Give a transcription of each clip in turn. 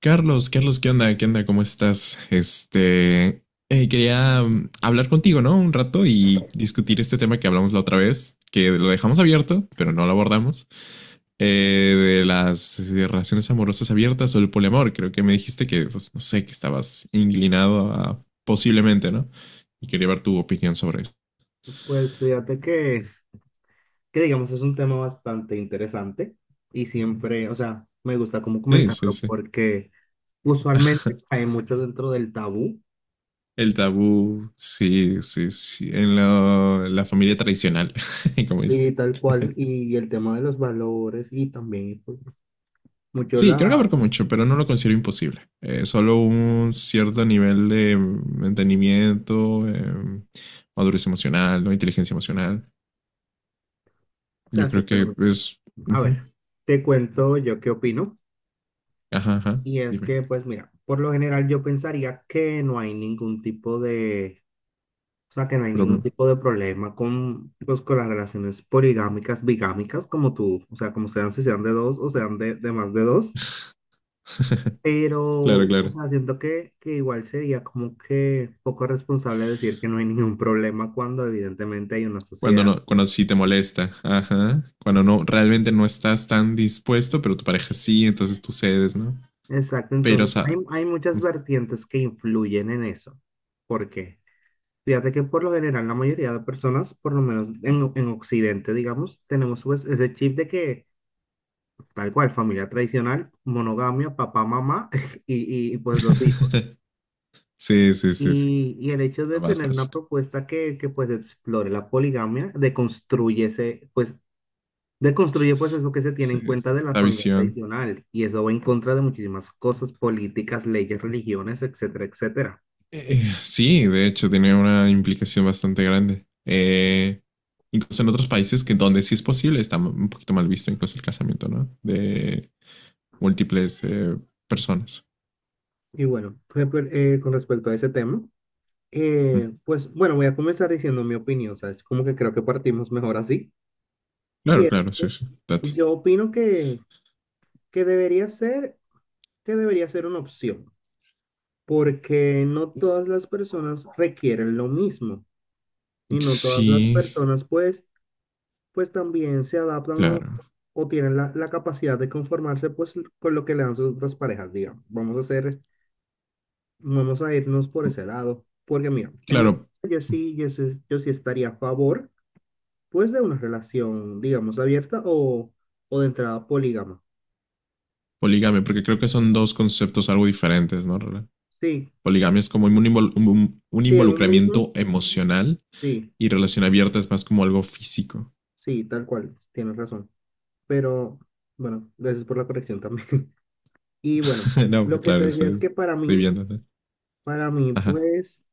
Carlos, Carlos, ¿qué onda? ¿Qué onda? ¿Cómo estás? Quería hablar contigo, ¿no? Un rato y discutir este tema que hablamos la otra vez, que lo dejamos abierto, pero no lo abordamos, eh, de las relaciones amorosas abiertas o el poliamor. Creo que me dijiste que, pues, no sé, que estabas inclinado a posiblemente, ¿no? Y quería ver tu opinión sobre eso. Pues fíjate que digamos es un tema bastante interesante y siempre, o sea, me gusta como Sí, sí, comentarlo sí. porque usualmente cae mucho dentro del tabú El tabú, sí, sí, sí. La familia tradicional, como dices. y tal cual y el tema de los valores y también pues, mucho Sí, la, creo que abarca mucho, pero no lo considero imposible. Solo un cierto nivel de entendimiento, madurez emocional, ¿no? Inteligencia emocional. o sea, Yo sí, creo pero que bueno. es... A Ujú. ver, te cuento yo qué opino Ajá, ajá, y es dime, que pues mira, por lo general yo pensaría que no hay ningún tipo. O sea, que no hay ningún problema. tipo de problema con, pues, con las relaciones poligámicas, bigámicas, como tú, o sea, como sean, si sean de dos o sean de más de dos. Pero, Claro, o claro. sea, siento que igual sería como que poco responsable decir que no hay ningún problema cuando evidentemente hay una Cuando sociedad. no, cuando sí te molesta, ajá. Cuando no, realmente no estás tan dispuesto, pero tu pareja sí, entonces tú cedes, ¿no? Exacto, Pero, o entonces hay, sea, hay muchas ujú. vertientes que influyen en eso. ¿Por qué? Fíjate que por lo general la mayoría de personas, por lo menos en Occidente, digamos, tenemos pues ese chip de que tal cual, familia tradicional, monogamia, papá, mamá pues los hijos. Sí, sí, sí, sí, Y el hecho lo de más tener una básico. propuesta que pues explore la poligamia, deconstruye ese, pues deconstruye pues eso que se tiene Sí, en sí, cuenta de la la familia visión. tradicional y eso va en contra de muchísimas cosas, políticas, leyes, religiones, etcétera, etcétera. Sí, de hecho, tiene una implicación bastante grande. Incluso en otros países que donde sí es posible está un poquito mal visto incluso el casamiento, ¿no? De múltiples personas. Y bueno, por ejemplo, con respecto a ese tema, Mm. Pues bueno, voy a comenzar diciendo mi opinión, o sea, es como que creo que partimos mejor así. Y Claro, es, claro, sí, sí, yo date. opino que debería ser, que debería ser una opción, porque no todas las personas requieren lo mismo y no todas Sí, las personas pues, pues también se adaptan claro. o tienen la, la capacidad de conformarse pues con lo que le dan sus otras parejas, digamos. Vamos a hacer, vamos a irnos por ese lado, porque mira, en mi caso Claro, yo sí estaría a favor pues de una relación, digamos, abierta o de entrada polígama. poligamia, porque creo que son dos conceptos algo diferentes, ¿no? ¿Roland? Sí, Poligamia es como un sí, en un mismo, involucramiento emocional. sí, Y relación abierta es más como algo físico. sí, tal cual, tienes razón. Pero bueno, gracias por la corrección también. Y bueno, No, lo que claro, te decía es estoy, que estoy viendo, ¿no? para mí, Ajá, pues,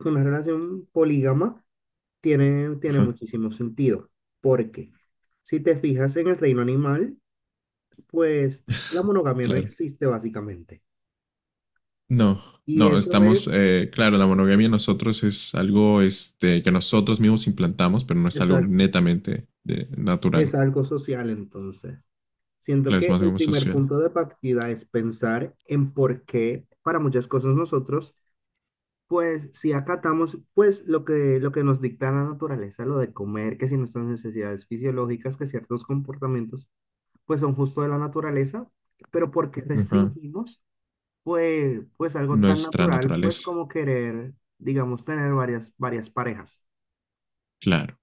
una relación polígama tiene ajá, muchísimo sentido. Porque si te fijas en el reino animal, pues la monogamia no claro. existe básicamente. No, Y no, eso estamos, claro, la monogamia nosotros es algo que nosotros mismos implantamos, pero no es es algo algo, netamente es natural. algo social entonces. Siento Claro, es que más el como primer social. punto de partida es pensar en por qué para muchas cosas nosotros. Pues si acatamos, pues lo que nos dicta la naturaleza, lo de comer, que si nuestras necesidades fisiológicas, que ciertos comportamientos, pues son justo de la naturaleza, pero porque Ajá. restringimos, pues, pues algo tan Nuestra natural, pues naturaleza. como querer, digamos, tener varias, varias parejas. Claro.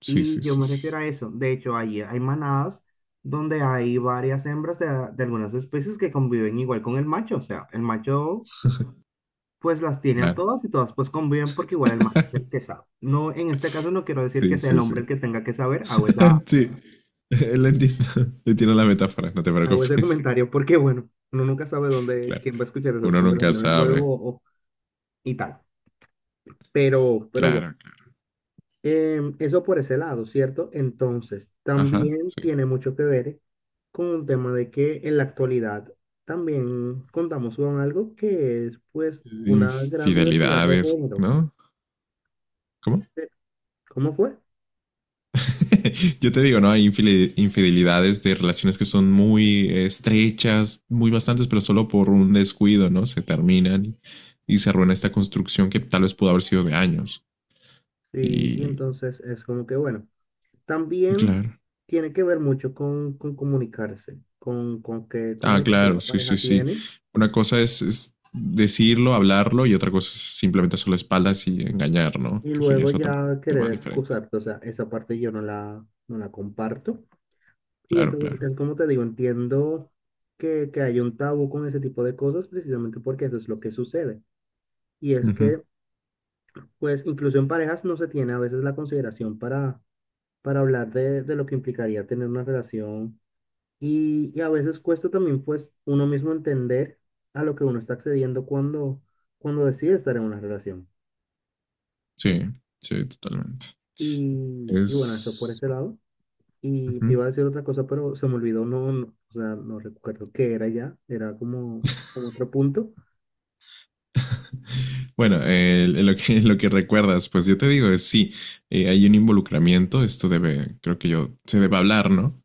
Sí, Y sí, yo sí, me sí. refiero a eso. De hecho, ahí hay manadas donde hay varias hembras de algunas especies que conviven igual con el macho. O sea, el macho pues las tiene a Claro. todas y todas pues conviven porque igual el macho es el que sabe. No, en este caso no quiero decir que Sí, sea el sí, sí. hombre el que tenga que saber, hago esa, Sí, lo entiendo. Entiendo la metáfora, no te hago ese preocupes. comentario porque bueno, uno nunca sabe dónde, Claro, quién va a escuchar esas uno nunca conversaciones sabe. luego o- y tal. Pero bueno, Claro, claro. Eso por ese lado, ¿cierto? Entonces, Ajá, también sí. tiene mucho que ver con un tema de que en la actualidad también contamos con algo que es pues una gran diversidad de Infidelidades, género. ¿no? ¿Cómo? ¿Cómo fue? Yo te digo, ¿no? Hay infidelidades de relaciones que son muy estrechas, muy bastantes, pero solo por un descuido, ¿no? Se terminan y se arruina esta construcción que tal vez pudo haber sido de años. Sí, y Y entonces es como que bueno. También claro, tiene que ver mucho con comunicarse, con qué ah, comunicación claro, la sí, sí, pareja sí. tiene Una cosa es decirlo, hablarlo, y otra cosa es simplemente hacer la espalda y engañar, ¿no? y Que eso ya luego es otro ya querer tema diferente. excusarte. O sea, esa parte yo no la, no la comparto. Y Claro, entonces claro. es como te digo, entiendo que hay un tabú con ese tipo de cosas precisamente porque eso es lo que sucede. Y es que, Ujú. pues, incluso en parejas no se tiene a veces la consideración para hablar de lo que implicaría tener una relación. Y a veces cuesta también pues uno mismo entender a lo que uno está accediendo cuando, cuando decide estar en una relación. Sí, sí, totalmente. Y bueno, eso por Es. ese lado. Y Ujú. te iba a decir otra cosa, pero se me olvidó, no, no, o sea, no recuerdo qué era ya, era como, como otro punto. Bueno, en lo que recuerdas, pues yo te digo, es sí, hay un involucramiento, esto debe, creo que yo, se debe hablar, ¿no?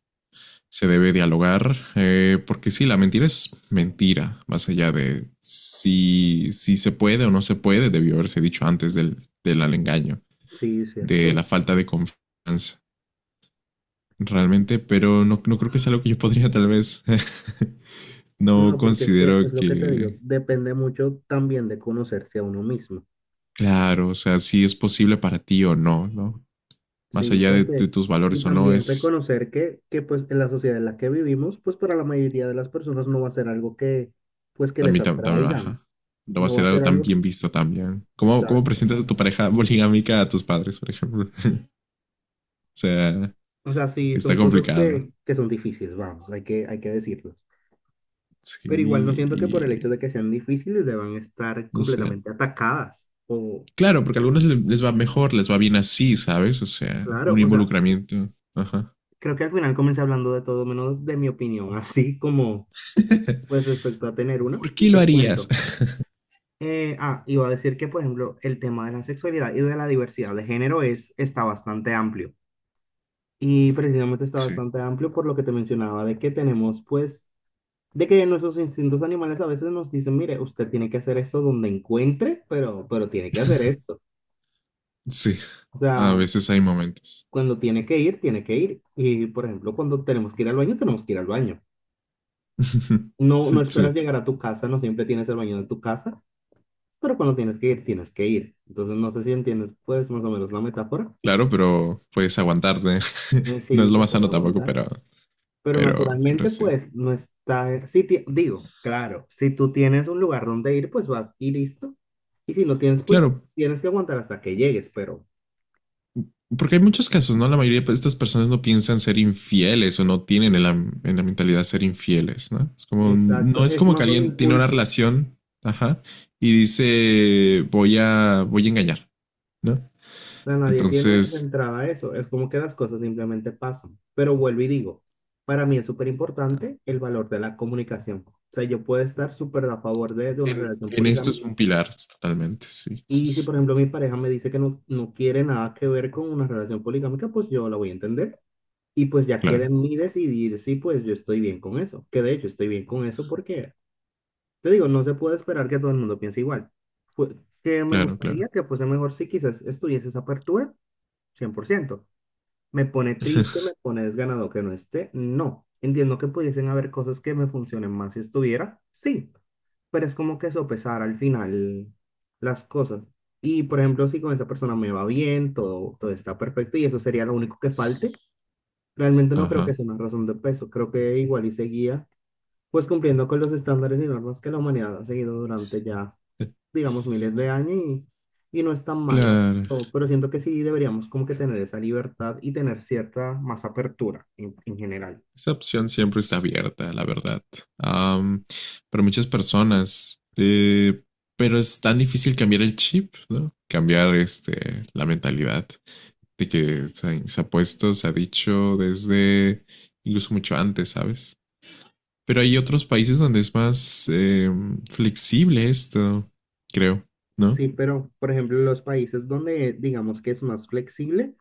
Se debe dialogar, porque sí, la mentira es mentira, más allá de si, si se puede o no se puede, debió haberse dicho antes del engaño, Sí, de la cierto. falta de confianza, realmente, pero no, no creo que sea algo que yo podría tal vez, no No, porque es que es considero lo que te digo, que, depende mucho también de conocerse a uno mismo. claro, o sea, si es posible para ti o no, ¿no? Más Sí, allá de porque, tus y valores o no, también es reconocer que pues en la sociedad en la que vivimos, pues para la mayoría de las personas no va a ser algo que, pues que les también, también atraigan, baja. No va a no, no va ser a algo ser tan algo, bien visto también. ¿Cómo, cómo exacto. presentas a tu pareja poligámica a tus padres, por ejemplo? O sea, O sea, sí, son está cosas complicado. Que son difíciles, vamos, hay que decirlo. Sí, Pero igual no siento que por el hecho y de que sean difíciles deban estar no sé. completamente atacadas. O, Claro, porque a algunos les va mejor, les va bien así, ¿sabes? O sea, claro, un o sea, involucramiento. Ajá. creo que al final comencé hablando de todo menos de mi opinión, así como, pues respecto a tener una, ¿Por qué y lo te harías? cuento. Iba a decir que, por ejemplo, el tema de la sexualidad y de la diversidad de género es, está bastante amplio. Y precisamente está Sí. bastante amplio por lo que te mencionaba, de que tenemos, pues, de que nuestros instintos animales a veces nos dicen, mire, usted tiene que hacer esto donde encuentre, pero tiene que hacer esto. Sí, O a sea, veces hay momentos. cuando tiene que ir, tiene que ir. Y, por ejemplo, cuando tenemos que ir al baño, tenemos que ir al baño. No, no esperas Sí, llegar a tu casa, no siempre tienes el baño en tu casa, pero cuando tienes que ir, tienes que ir. Entonces, no sé si entiendes, pues, más o menos la metáfora. claro, pero puedes aguantarte. Y No es sí, lo se más puede sano tampoco, aguantar. pero, Pero pero naturalmente, sí. pues, no está, si ti- digo, claro, si tú tienes un lugar donde ir, pues vas y listo. Y si no tienes, pues Claro, tienes que aguantar hasta que llegues, pero porque hay muchos casos, ¿no? La mayoría de estas personas no piensan ser infieles o no tienen en la mentalidad ser infieles, ¿no? Es como, no exacto, es es como que más un alguien tiene una impulso. relación, ajá, y dice, voy a, voy a engañar, ¿no? O sea, nadie tiene de Entonces, entrada eso, es como que las cosas simplemente pasan. Pero vuelvo y digo, para mí es súper importante el valor de la comunicación. O sea, yo puedo estar súper a favor de una relación en esto poligámica. es un pilar totalmente, sí, sí, Y si, sí. por ejemplo, mi pareja me dice que no, no quiere nada que ver con una relación poligámica, pues yo la voy a entender. Y pues ya queda Claro, en mí decidir si pues yo estoy bien con eso. Que de hecho estoy bien con eso porque, te digo, no se puede esperar que todo el mundo piense igual. Fue- que me claro, gustaría claro. que fuese mejor si quizás estuviese esa apertura, 100% me pone triste, me pone desganado que no esté. No, entiendo que pudiesen haber cosas que me funcionen más si estuviera, sí, pero es como que sopesar al final las cosas. Y por ejemplo, si con esa persona me va bien, todo, todo está perfecto y eso sería lo único que falte, realmente no creo que Ajá. sea una razón de peso, creo que igual y seguía pues cumpliendo con los estándares y normas que la humanidad ha seguido durante ya digamos, miles de años y no es tan malo, ¿eh? Claro. O- pero siento que sí deberíamos como que tener esa libertad y tener cierta más apertura en general. Esa opción siempre está abierta, la verdad, am, para muchas personas, pero es tan difícil cambiar el chip, ¿no? Cambiar la mentalidad de que se ha puesto, se ha dicho desde incluso mucho antes, ¿sabes? Pero hay otros países donde es más flexible esto, creo, ¿no? Sí, pero por ejemplo, los países donde digamos que es más flexible,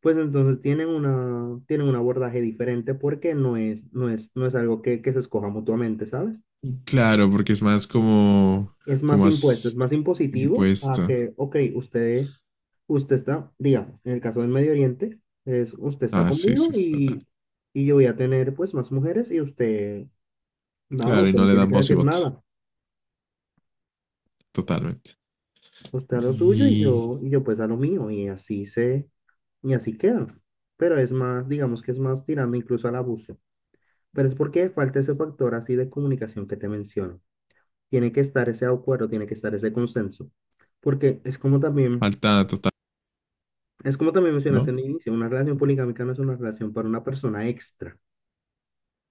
pues entonces tienen una, tienen un abordaje diferente porque no es, no es, no es algo que se escoja mutuamente, ¿sabes? Claro, porque es más como, Es como más impuesto, es más más impositivo a impuesto. que, ok, usted, usted está, digamos, en el caso del Medio Oriente, es usted está Ah, sí, conmigo sí, total. Y yo voy a tener pues más mujeres y usted, nada, Claro, y usted no no le tiene dan que voz y decir voto, nada, totalmente, usted a lo suyo y y yo pues a lo mío y así se, y así quedan. Pero es más, digamos que es más tirando incluso al abuso. Pero es porque falta ese factor así de comunicación que te menciono. Tiene que estar ese acuerdo, tiene que estar ese consenso. Porque es como también. falta total, Es como también ¿no? mencionaste en el inicio, una relación poligámica no es una relación para una persona extra.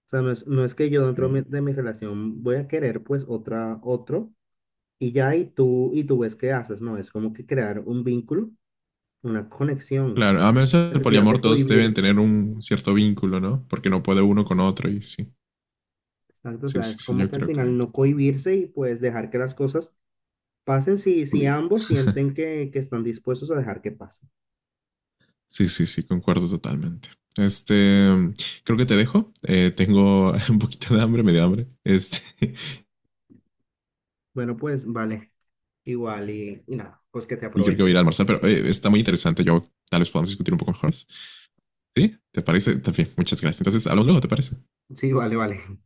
O sea, no es, no es que yo dentro Sí. De mi relación voy a querer pues otra, otro y ya y tú ves qué haces, no, es como que crear un vínculo, una conexión, Claro, a menos el necesidad poliamor de todos deben cohibirse. tener un cierto vínculo, ¿no? Porque no puede uno con otro y sí, Exacto, o sí, sea, sí, es sí, como yo que al creo que final no totalmente. cohibirse y pues dejar que las cosas pasen si, Muy si bien. ambos sienten que están dispuestos a dejar que pasen. Sí, sí, sí, concuerdo totalmente. Este, Creo que te dejo. Tengo un poquito de hambre, medio hambre. Este, Bueno, pues vale, igual y nada, pues que te y creo que voy a aprovechen. ir a almorzar, pero Y- está muy interesante. Yo tal vez podamos discutir un poco mejor. ¿Sí? ¿Te parece? También, muchas gracias. Entonces, hablamos luego, ¿te parece? Sí, vale, vale.